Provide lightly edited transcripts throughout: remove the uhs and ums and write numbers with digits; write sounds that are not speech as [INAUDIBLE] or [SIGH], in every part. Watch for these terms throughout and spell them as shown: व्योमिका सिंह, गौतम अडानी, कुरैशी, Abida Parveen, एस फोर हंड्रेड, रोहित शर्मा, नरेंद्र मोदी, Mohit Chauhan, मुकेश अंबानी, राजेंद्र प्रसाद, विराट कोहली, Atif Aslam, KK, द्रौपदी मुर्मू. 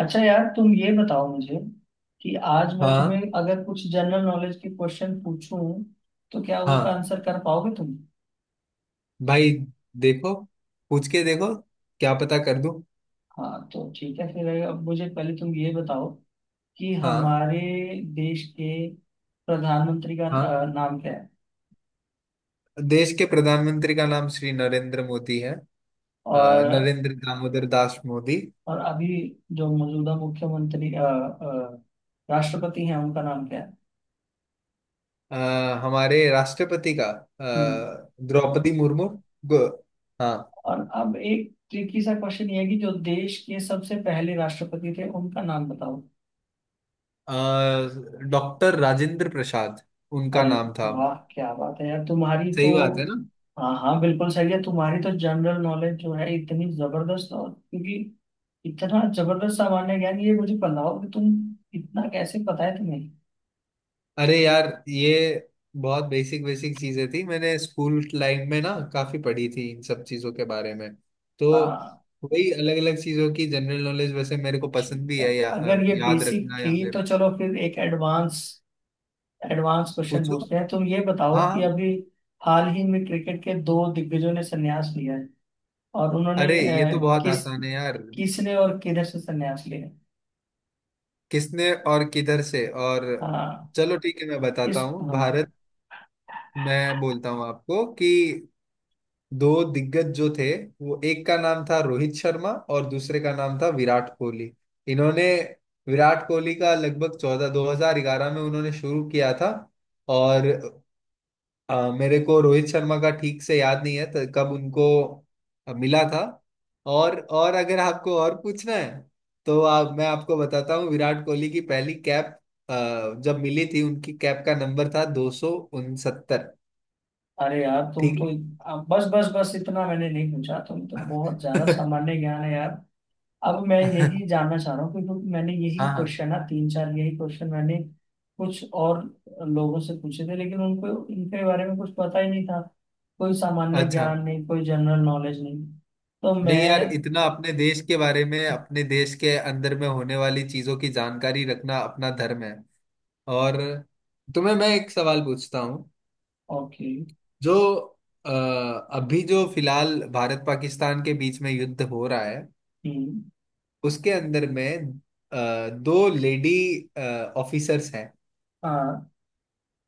अच्छा यार, तुम ये बताओ मुझे कि आज मैं तुम्हें हाँ अगर कुछ जनरल नॉलेज के क्वेश्चन पूछूं तो क्या उनका हाँ, आंसर कर पाओगे तुम। भाई। देखो, पूछ के देखो। क्या पता कर दूं। हाँ तो ठीक है, फिर अब मुझे पहले तुम ये बताओ कि हाँ हमारे देश के प्रधानमंत्री का हाँ, नाम क्या है। देश के प्रधानमंत्री का नाम श्री नरेंद्र मोदी है। अ, और नरेंद्र दामोदर दास मोदी। और अभी जो मौजूदा मुख्यमंत्री राष्ट्रपति हैं उनका नाम क्या है। अ, हमारे राष्ट्रपति का हम्म। द्रौपदी मुर्मू। गो- हाँ। और अब एक ट्रिकी सा क्वेश्चन ये है कि जो देश के सबसे पहले राष्ट्रपति थे उनका नाम बताओ। डॉक्टर राजेंद्र प्रसाद उनका अरे नाम था। वाह, क्या बात है यार, तुम्हारी तो। सही बात है ना? हाँ हाँ, बिल्कुल सही है, तुम्हारी तो जनरल नॉलेज जो है इतनी जबरदस्त। और क्योंकि इतना जबरदस्त सामान्य ज्ञान, ये मुझे बताओ कि तुम इतना कैसे पता है तुम्हें। अरे यार, ये बहुत बेसिक बेसिक चीजें थी। मैंने स्कूल लाइफ में ना काफी पढ़ी थी इन सब चीजों के बारे में। तो हाँ वही अलग अलग चीजों की जनरल नॉलेज वैसे मेरे को पसंद ठीक भी है, है। अगर ये याद बेसिक रखना, या थी तो फिर चलो फिर एक एडवांस एडवांस क्वेश्चन पूछो। पूछते हैं। तुम ये बताओ हाँ कि हाँ। अभी हाल ही में क्रिकेट के दो दिग्गजों ने संन्यास लिया है, और उन्होंने अरे, ये तो बहुत किस, आसान है यार। किसने और किधर से संन्यास लिया है? किसने और किधर से, और। हाँ। चलो ठीक है, मैं बताता इस हूँ। हाँ। भारत, मैं बोलता हूँ आपको कि दो दिग्गज जो थे, वो एक का नाम था रोहित शर्मा और दूसरे का नाम था विराट कोहली। इन्होंने, विराट कोहली का लगभग 14, 2011 में उन्होंने शुरू किया था। और मेरे को रोहित शर्मा का ठीक से याद नहीं है तो कब उनको मिला था। और अगर आपको और पूछना है, तो आप, मैं आपको बताता हूँ विराट कोहली की पहली कैप जब मिली थी, उनकी कैप का नंबर था 269। अरे यार, तुम ठीक है। तो बस बस बस, इतना मैंने नहीं पूछा। तुम तो बहुत ज्यादा [LAUGHS] सामान्य ज्ञान है यार। अब मैं यही हाँ जानना चाह रहा हूँ, क्योंकि मैंने यही हाँ। क्वेश्चन ना तीन चार यही क्वेश्चन मैंने कुछ और लोगों से पूछे थे, लेकिन उनको इनके बारे में कुछ पता ही नहीं था। कोई सामान्य अच्छा। ज्ञान नहीं, कोई जनरल नॉलेज नहीं। तो नहीं यार, मैं इतना अपने देश के बारे में, अपने देश के अंदर में होने वाली चीजों की जानकारी रखना अपना धर्म है। और तुम्हें मैं एक सवाल पूछता हूँ। ओके। जो अ, अभी जो फिलहाल भारत पाकिस्तान के बीच में युद्ध हो रहा है, हम्म। उसके अंदर में दो लेडी ऑफिसर्स हैं। हाँ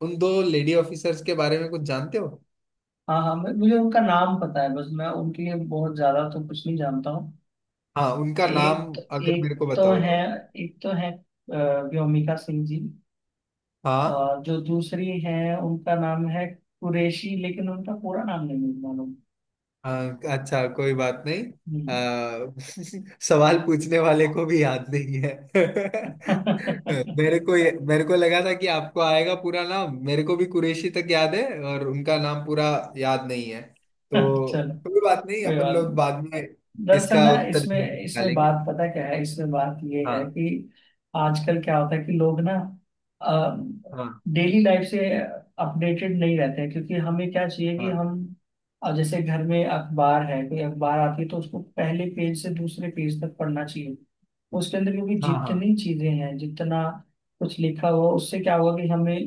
उन दो लेडी ऑफिसर्स के बारे में कुछ जानते हो? हाँ, हाँ मुझे उनका नाम पता है, बस मैं उनके लिए बहुत ज्यादा तो कुछ नहीं जानता हूँ। हाँ, उनका नाम एक तो अगर एक मेरे को तो बताओ है तो। एक तो है व्योमिका सिंह जी। हाँ और जो दूसरी है उनका नाम है कुरैशी, लेकिन उनका पूरा नाम नहीं मालूम। हाँ, अच्छा, कोई बात नहीं। हम्म। [LAUGHS] सवाल पूछने वाले को भी याद नहीं है। [LAUGHS] मेरे को लगा था कि आपको आएगा पूरा नाम। मेरे को भी कुरैशी तक याद है। और उनका नाम पूरा याद नहीं है, [LAUGHS] तो चलो कोई बात नहीं। कोई अपन बात लोग नहीं। बाद में दरअसल इसका ना उत्तर जरूर इसमें इसमें निकालेंगे। बात पता क्या है, इसमें बात ये है हाँ कि आजकल क्या होता है कि लोग ना हाँ डेली लाइफ से अपडेटेड नहीं रहते हैं। क्योंकि हमें क्या चाहिए कि हाँ हम अब जैसे घर में अखबार है, कोई अखबार आती है तो उसको पहले पेज से दूसरे पेज तक पढ़ना चाहिए। उसके अंदर क्योंकि हाँ हाँ जितनी चीजें हैं, जितना कुछ लिखा हुआ, उससे क्या होगा कि हमें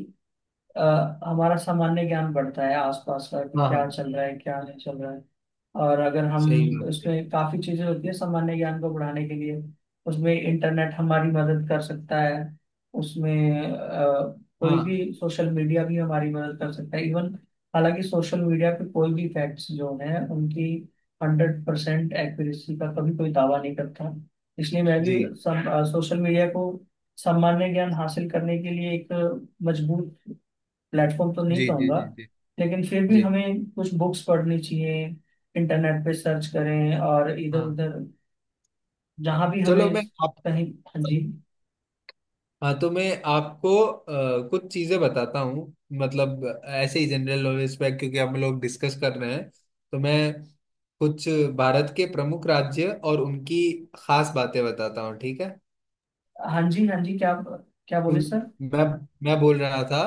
अ, हमारा सामान्य ज्ञान बढ़ता है आसपास का कि हाँ क्या हाँ। चल रहा है क्या नहीं चल रहा है। और अगर सही हम बात है। उसमें काफी चीजें होती है सामान्य ज्ञान को बढ़ाने के लिए, उसमें इंटरनेट हमारी मदद कर सकता है। उसमें कोई हाँ भी सोशल मीडिया भी हमारी मदद कर सकता है इवन। हालांकि सोशल मीडिया पे कोई भी फैक्ट्स जो हैं उनकी 100% एक्यूरेसी का कभी कोई दावा नहीं करता। इसलिए मैं भी जी सोशल मीडिया को सामान्य ज्ञान हासिल करने के लिए एक मजबूत प्लेटफॉर्म तो नहीं जी जी कहूंगा। जी जी लेकिन फिर भी जी हमें कुछ बुक्स पढ़नी चाहिए, इंटरनेट पे सर्च करें और इधर हाँ। उधर जहां भी चलो हमें मैं आप, कहीं। हाँ जी। हाँ तो मैं आपको कुछ चीजें बताता हूँ, मतलब ऐसे ही जनरल नॉलेज पे, क्योंकि हम लोग डिस्कस कर रहे हैं। तो मैं कुछ भारत के प्रमुख राज्य और उनकी खास बातें बताता हूँ, ठीक है? हाँ जी हाँ जी, क्या क्या बोले उन- सर? मैं मैं बोल रहा था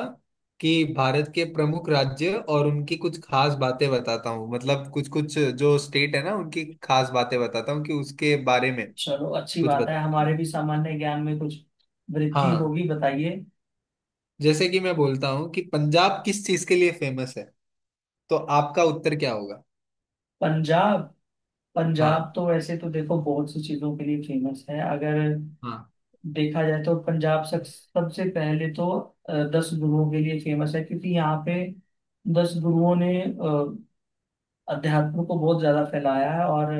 कि भारत के प्रमुख राज्य और उनकी कुछ खास बातें बताता हूँ, मतलब कुछ कुछ जो स्टेट है ना, उनकी खास बातें बताता हूँ कि उसके बारे में चलो अच्छी कुछ बात है, बताता हूँ। हमारे भी सामान्य ज्ञान में कुछ वृद्धि हाँ, होगी, बताइए। जैसे कि मैं बोलता हूँ कि पंजाब किस चीज के लिए फेमस है, तो आपका उत्तर क्या होगा? पंजाब, पंजाब हाँ तो वैसे तो देखो बहुत सी चीजों के लिए फेमस है। अगर हाँ देखा जाए तो पंजाब सब सबसे पहले तो 10 गुरुओं के लिए फेमस है, क्योंकि यहाँ पे 10 गुरुओं ने अध्यात्म को बहुत ज्यादा फैलाया है। और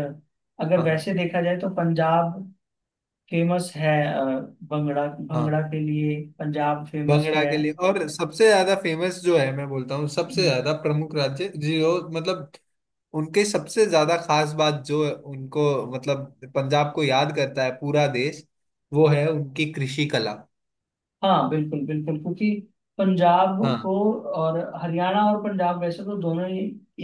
अगर हाँ हाँ वैसे देखा जाए तो पंजाब फेमस है, भंगड़ा हाँ। भंगड़ा के लिए पंजाब फेमस भंगड़ा है। के लिए, और सबसे ज्यादा फेमस जो है, मैं बोलता हूँ सबसे ज्यादा प्रमुख राज्य जो, मतलब उनके सबसे ज्यादा खास बात जो उनको, मतलब पंजाब को याद करता है पूरा देश, वो है उनकी कृषि कला। हाँ बिल्कुल बिल्कुल, क्योंकि पंजाब हाँ को और हरियाणा और पंजाब वैसे तो दोनों ही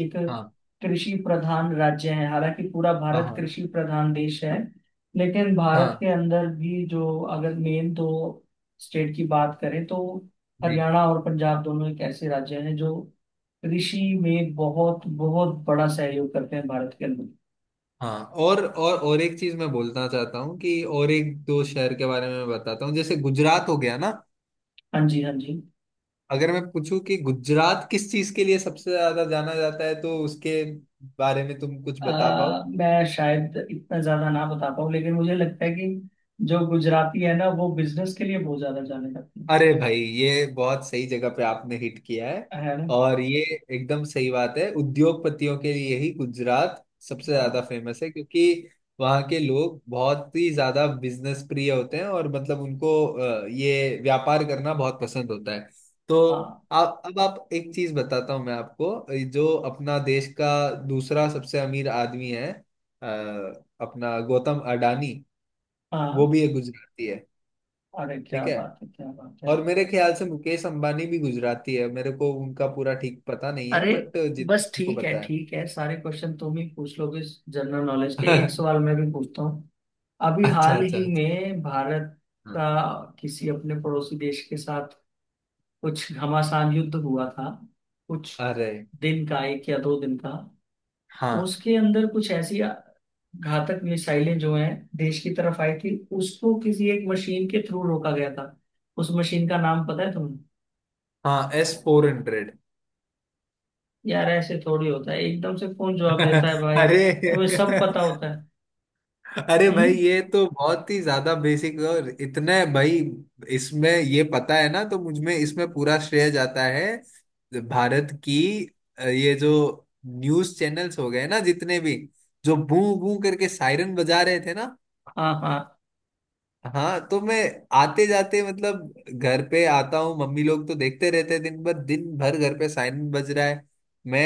एक हाँ कृषि प्रधान राज्य हैं। हालांकि पूरा हाँ भारत हाँ कृषि प्रधान देश है, लेकिन भारत हाँ के अंदर भी जो अगर मेन दो स्टेट की बात करें तो जी हरियाणा और पंजाब दोनों एक ऐसे राज्य हैं जो कृषि में बहुत बहुत बड़ा सहयोग करते हैं भारत के अंदर। हाँ। और एक चीज मैं बोलना चाहता हूँ, कि और एक दो शहर के बारे में मैं बताता हूँ, जैसे गुजरात हो गया ना। हाँ जी हाँ जी। अगर मैं पूछूं कि गुजरात किस चीज के लिए सबसे ज्यादा जाना जाता है, तो उसके बारे में तुम कुछ बता पाओ? मैं शायद इतना ज्यादा ना बता पाऊँ, लेकिन मुझे लगता है कि जो गुजराती है ना वो बिजनेस के लिए बहुत ज्यादा जाने जाते हैं। अरे भाई, ये बहुत सही जगह पे आपने हिट किया है। है ना। और ये एकदम सही बात है, उद्योगपतियों के लिए ही गुजरात सबसे ज्यादा हाँ फेमस है, क्योंकि वहाँ के लोग बहुत ही ज्यादा बिजनेस प्रिय होते हैं और मतलब उनको ये व्यापार करना बहुत पसंद होता है। तो हाँ आप, अब आप एक चीज बताता हूँ मैं आपको। जो अपना देश का दूसरा सबसे अमीर आदमी है, अपना गौतम अडानी, वो हाँ। भी एक गुजराती है। अरे क्या ठीक है। बात है, क्या बात है। और मेरे ख्याल से मुकेश अंबानी भी गुजराती है, मेरे को उनका पूरा ठीक पता नहीं है, अरे बट जितना बस मेरे को ठीक है पता है। ठीक है, सारे क्वेश्चन तुम ही पूछ लोगे जनरल नॉलेज के, एक [LAUGHS] सवाल मैं भी पूछता हूँ। अभी अच्छा हाल अच्छा ही अच्छा। में भारत का हाँ, किसी अपने पड़ोसी देश के साथ कुछ घमासान युद्ध हुआ था, कुछ अरे दिन का, 1 या 2 दिन का। हाँ उसके अंदर कुछ ऐसी घातक मिसाइलें जो हैं देश की तरफ आई थी, उसको किसी एक मशीन के थ्रू रोका गया था। उस मशीन का नाम पता है तुम्हें? हाँ, S-400। यार ऐसे थोड़ी होता है, एकदम से कौन जवाब देता है। [LAUGHS] भाई अरे। तुम्हें सब [LAUGHS] पता होता है। अरे भाई, हम्म। ये तो बहुत ही ज्यादा बेसिक, और इतने भाई, इसमें ये पता है ना, तो मुझ में इसमें पूरा श्रेय जाता है भारत की ये जो न्यूज चैनल्स हो गए ना, जितने भी, जो बू बू करके सायरन बजा रहे थे ना। हाँ हाँ, हाँ, तो मैं आते जाते, मतलब घर पे आता हूँ, मम्मी लोग तो देखते रहते हैं दिन भर दिन भर, घर पे सायरन बज रहा है। मैं,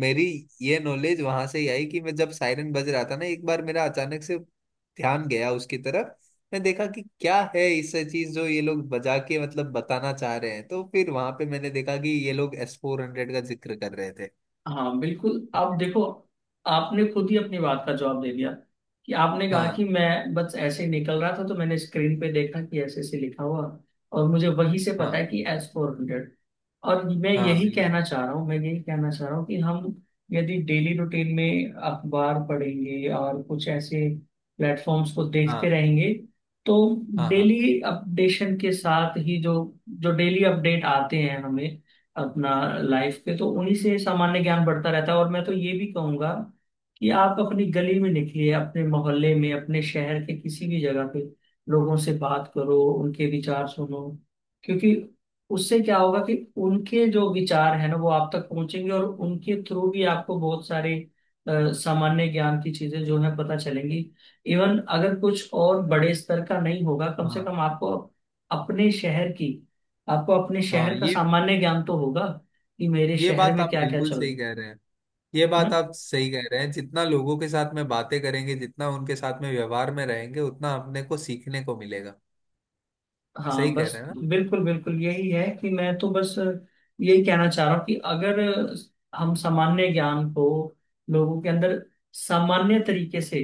मेरी ये नॉलेज वहां से ही आई कि मैं जब सायरन बज रहा था ना, एक बार मेरा अचानक से ध्यान गया उसकी तरफ। मैं देखा कि क्या है इस चीज जो ये लोग बजा के मतलब बताना चाह रहे हैं, तो फिर वहां पे मैंने देखा कि ये लोग S-400 का जिक्र कर रहे थे। हाँ बिल्कुल, आप देखो आपने खुद ही अपनी बात का जवाब दे दिया कि आपने कहा कि हाँ मैं बस ऐसे ही निकल रहा था तो मैंने स्क्रीन पे देखा कि ऐसे ऐसे लिखा हुआ, और मुझे वहीं से पता है हाँ कि S-400। और मैं हाँ यही कहना बिल्कुल। चाह रहा हूँ, मैं यही कहना चाह रहा हूँ कि हम यदि डेली रूटीन में अखबार पढ़ेंगे और कुछ ऐसे प्लेटफॉर्म्स को देखते हाँ रहेंगे, तो हाँ हाँ डेली अपडेशन के साथ ही जो जो डेली अपडेट आते हैं हमें अपना लाइफ पे, तो उन्हीं से सामान्य ज्ञान बढ़ता रहता है। और मैं तो ये भी कहूंगा कि आप अपनी गली में निकलिए, अपने मोहल्ले में, अपने शहर के किसी भी जगह पे लोगों से बात करो, उनके विचार सुनो। क्योंकि उससे क्या होगा कि उनके जो विचार है ना वो आप तक पहुंचेंगे, और उनके थ्रू भी आपको बहुत सारे सामान्य ज्ञान की चीजें जो है पता चलेंगी। इवन अगर कुछ और बड़े स्तर का नहीं होगा, कम से हाँ कम आपको अपने शहर की आपको अपने हाँ। शहर का ये सामान्य ज्ञान तो होगा कि मेरे ये शहर बात में आप क्या क्या बिल्कुल चल रहा सही है कह रहे हैं। ये बात ना। आप सही कह रहे हैं, जितना लोगों के साथ में बातें करेंगे, जितना उनके साथ में व्यवहार में रहेंगे, उतना अपने को सीखने को मिलेगा। सही हाँ कह रहे बस, हैं ना? बिल्कुल बिल्कुल, यही है कि मैं तो बस यही कहना चाह रहा हूँ कि अगर हम सामान्य ज्ञान को लोगों के अंदर सामान्य तरीके से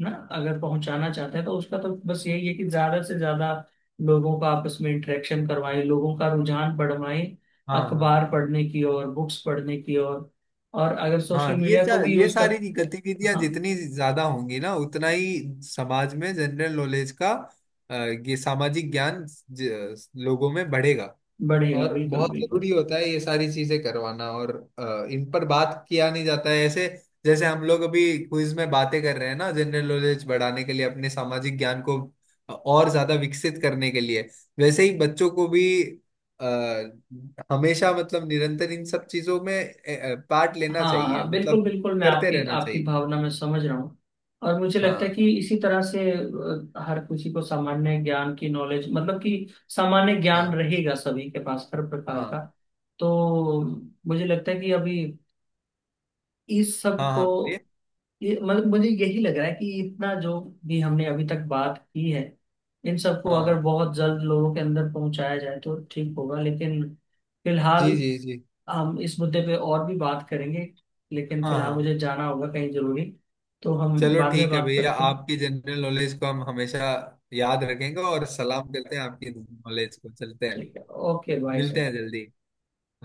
ना अगर पहुंचाना चाहते हैं तो उसका तो बस यही है कि ज्यादा से ज्यादा लोगों का आपस में इंटरेक्शन करवाएं, लोगों का रुझान बढ़वाएं हाँ हाँ अखबार पढ़ने की ओर, बुक्स पढ़ने की ओर। और अगर सोशल हाँ। मीडिया को भी ये यूज कर। सारी गतिविधियां हाँ जितनी ज्यादा होंगी ना, उतना ही समाज में जनरल नॉलेज का ये सामाजिक ज्ञान लोगों में बढ़ेगा। बढ़ेगा, और बिल्कुल बहुत बिल्कुल। जरूरी होता है ये सारी चीजें करवाना, और इन पर बात किया नहीं जाता है ऐसे। जैसे हम लोग अभी क्विज में बातें कर रहे हैं ना, जनरल नॉलेज बढ़ाने के लिए, अपने सामाजिक ज्ञान को और ज्यादा विकसित करने के लिए, वैसे ही बच्चों को भी आ, हमेशा, मतलब निरंतर इन सब चीजों में पार्ट लेना हाँ चाहिए, हाँ, मतलब बिल्कुल बिल्कुल, मैं करते आपकी रहना आपकी चाहिए। भावना में समझ रहा हूँ। और मुझे लगता है हाँ कि इसी तरह से हर किसी को सामान्य ज्ञान की नॉलेज मतलब कि सामान्य ज्ञान हाँ रहेगा सभी के पास हर प्रकार का। हाँ तो मुझे लगता है कि अभी इस सब हाँ को हाँ। बोलिए। ये मतलब मुझे यही लग रहा है कि इतना जो भी हमने अभी तक बात की है, इन सबको हाँ हाँ अगर हाँ। बहुत जल्द लोगों के अंदर पहुंचाया जाए तो ठीक होगा। लेकिन फिलहाल जी जी जी। हम इस मुद्दे पे और भी बात करेंगे, लेकिन हाँ फिलहाल हाँ, मुझे जाना होगा कहीं जरूरी, तो हम चलो बाद में ठीक है बात भैया, करते हैं। आपकी जनरल नॉलेज को हम हमेशा याद रखेंगे, और सलाम करते हैं आपकी नॉलेज को। चलते हैं। ठीक है। ओके बाय मिलते सर। हैं जल्दी। हाँ।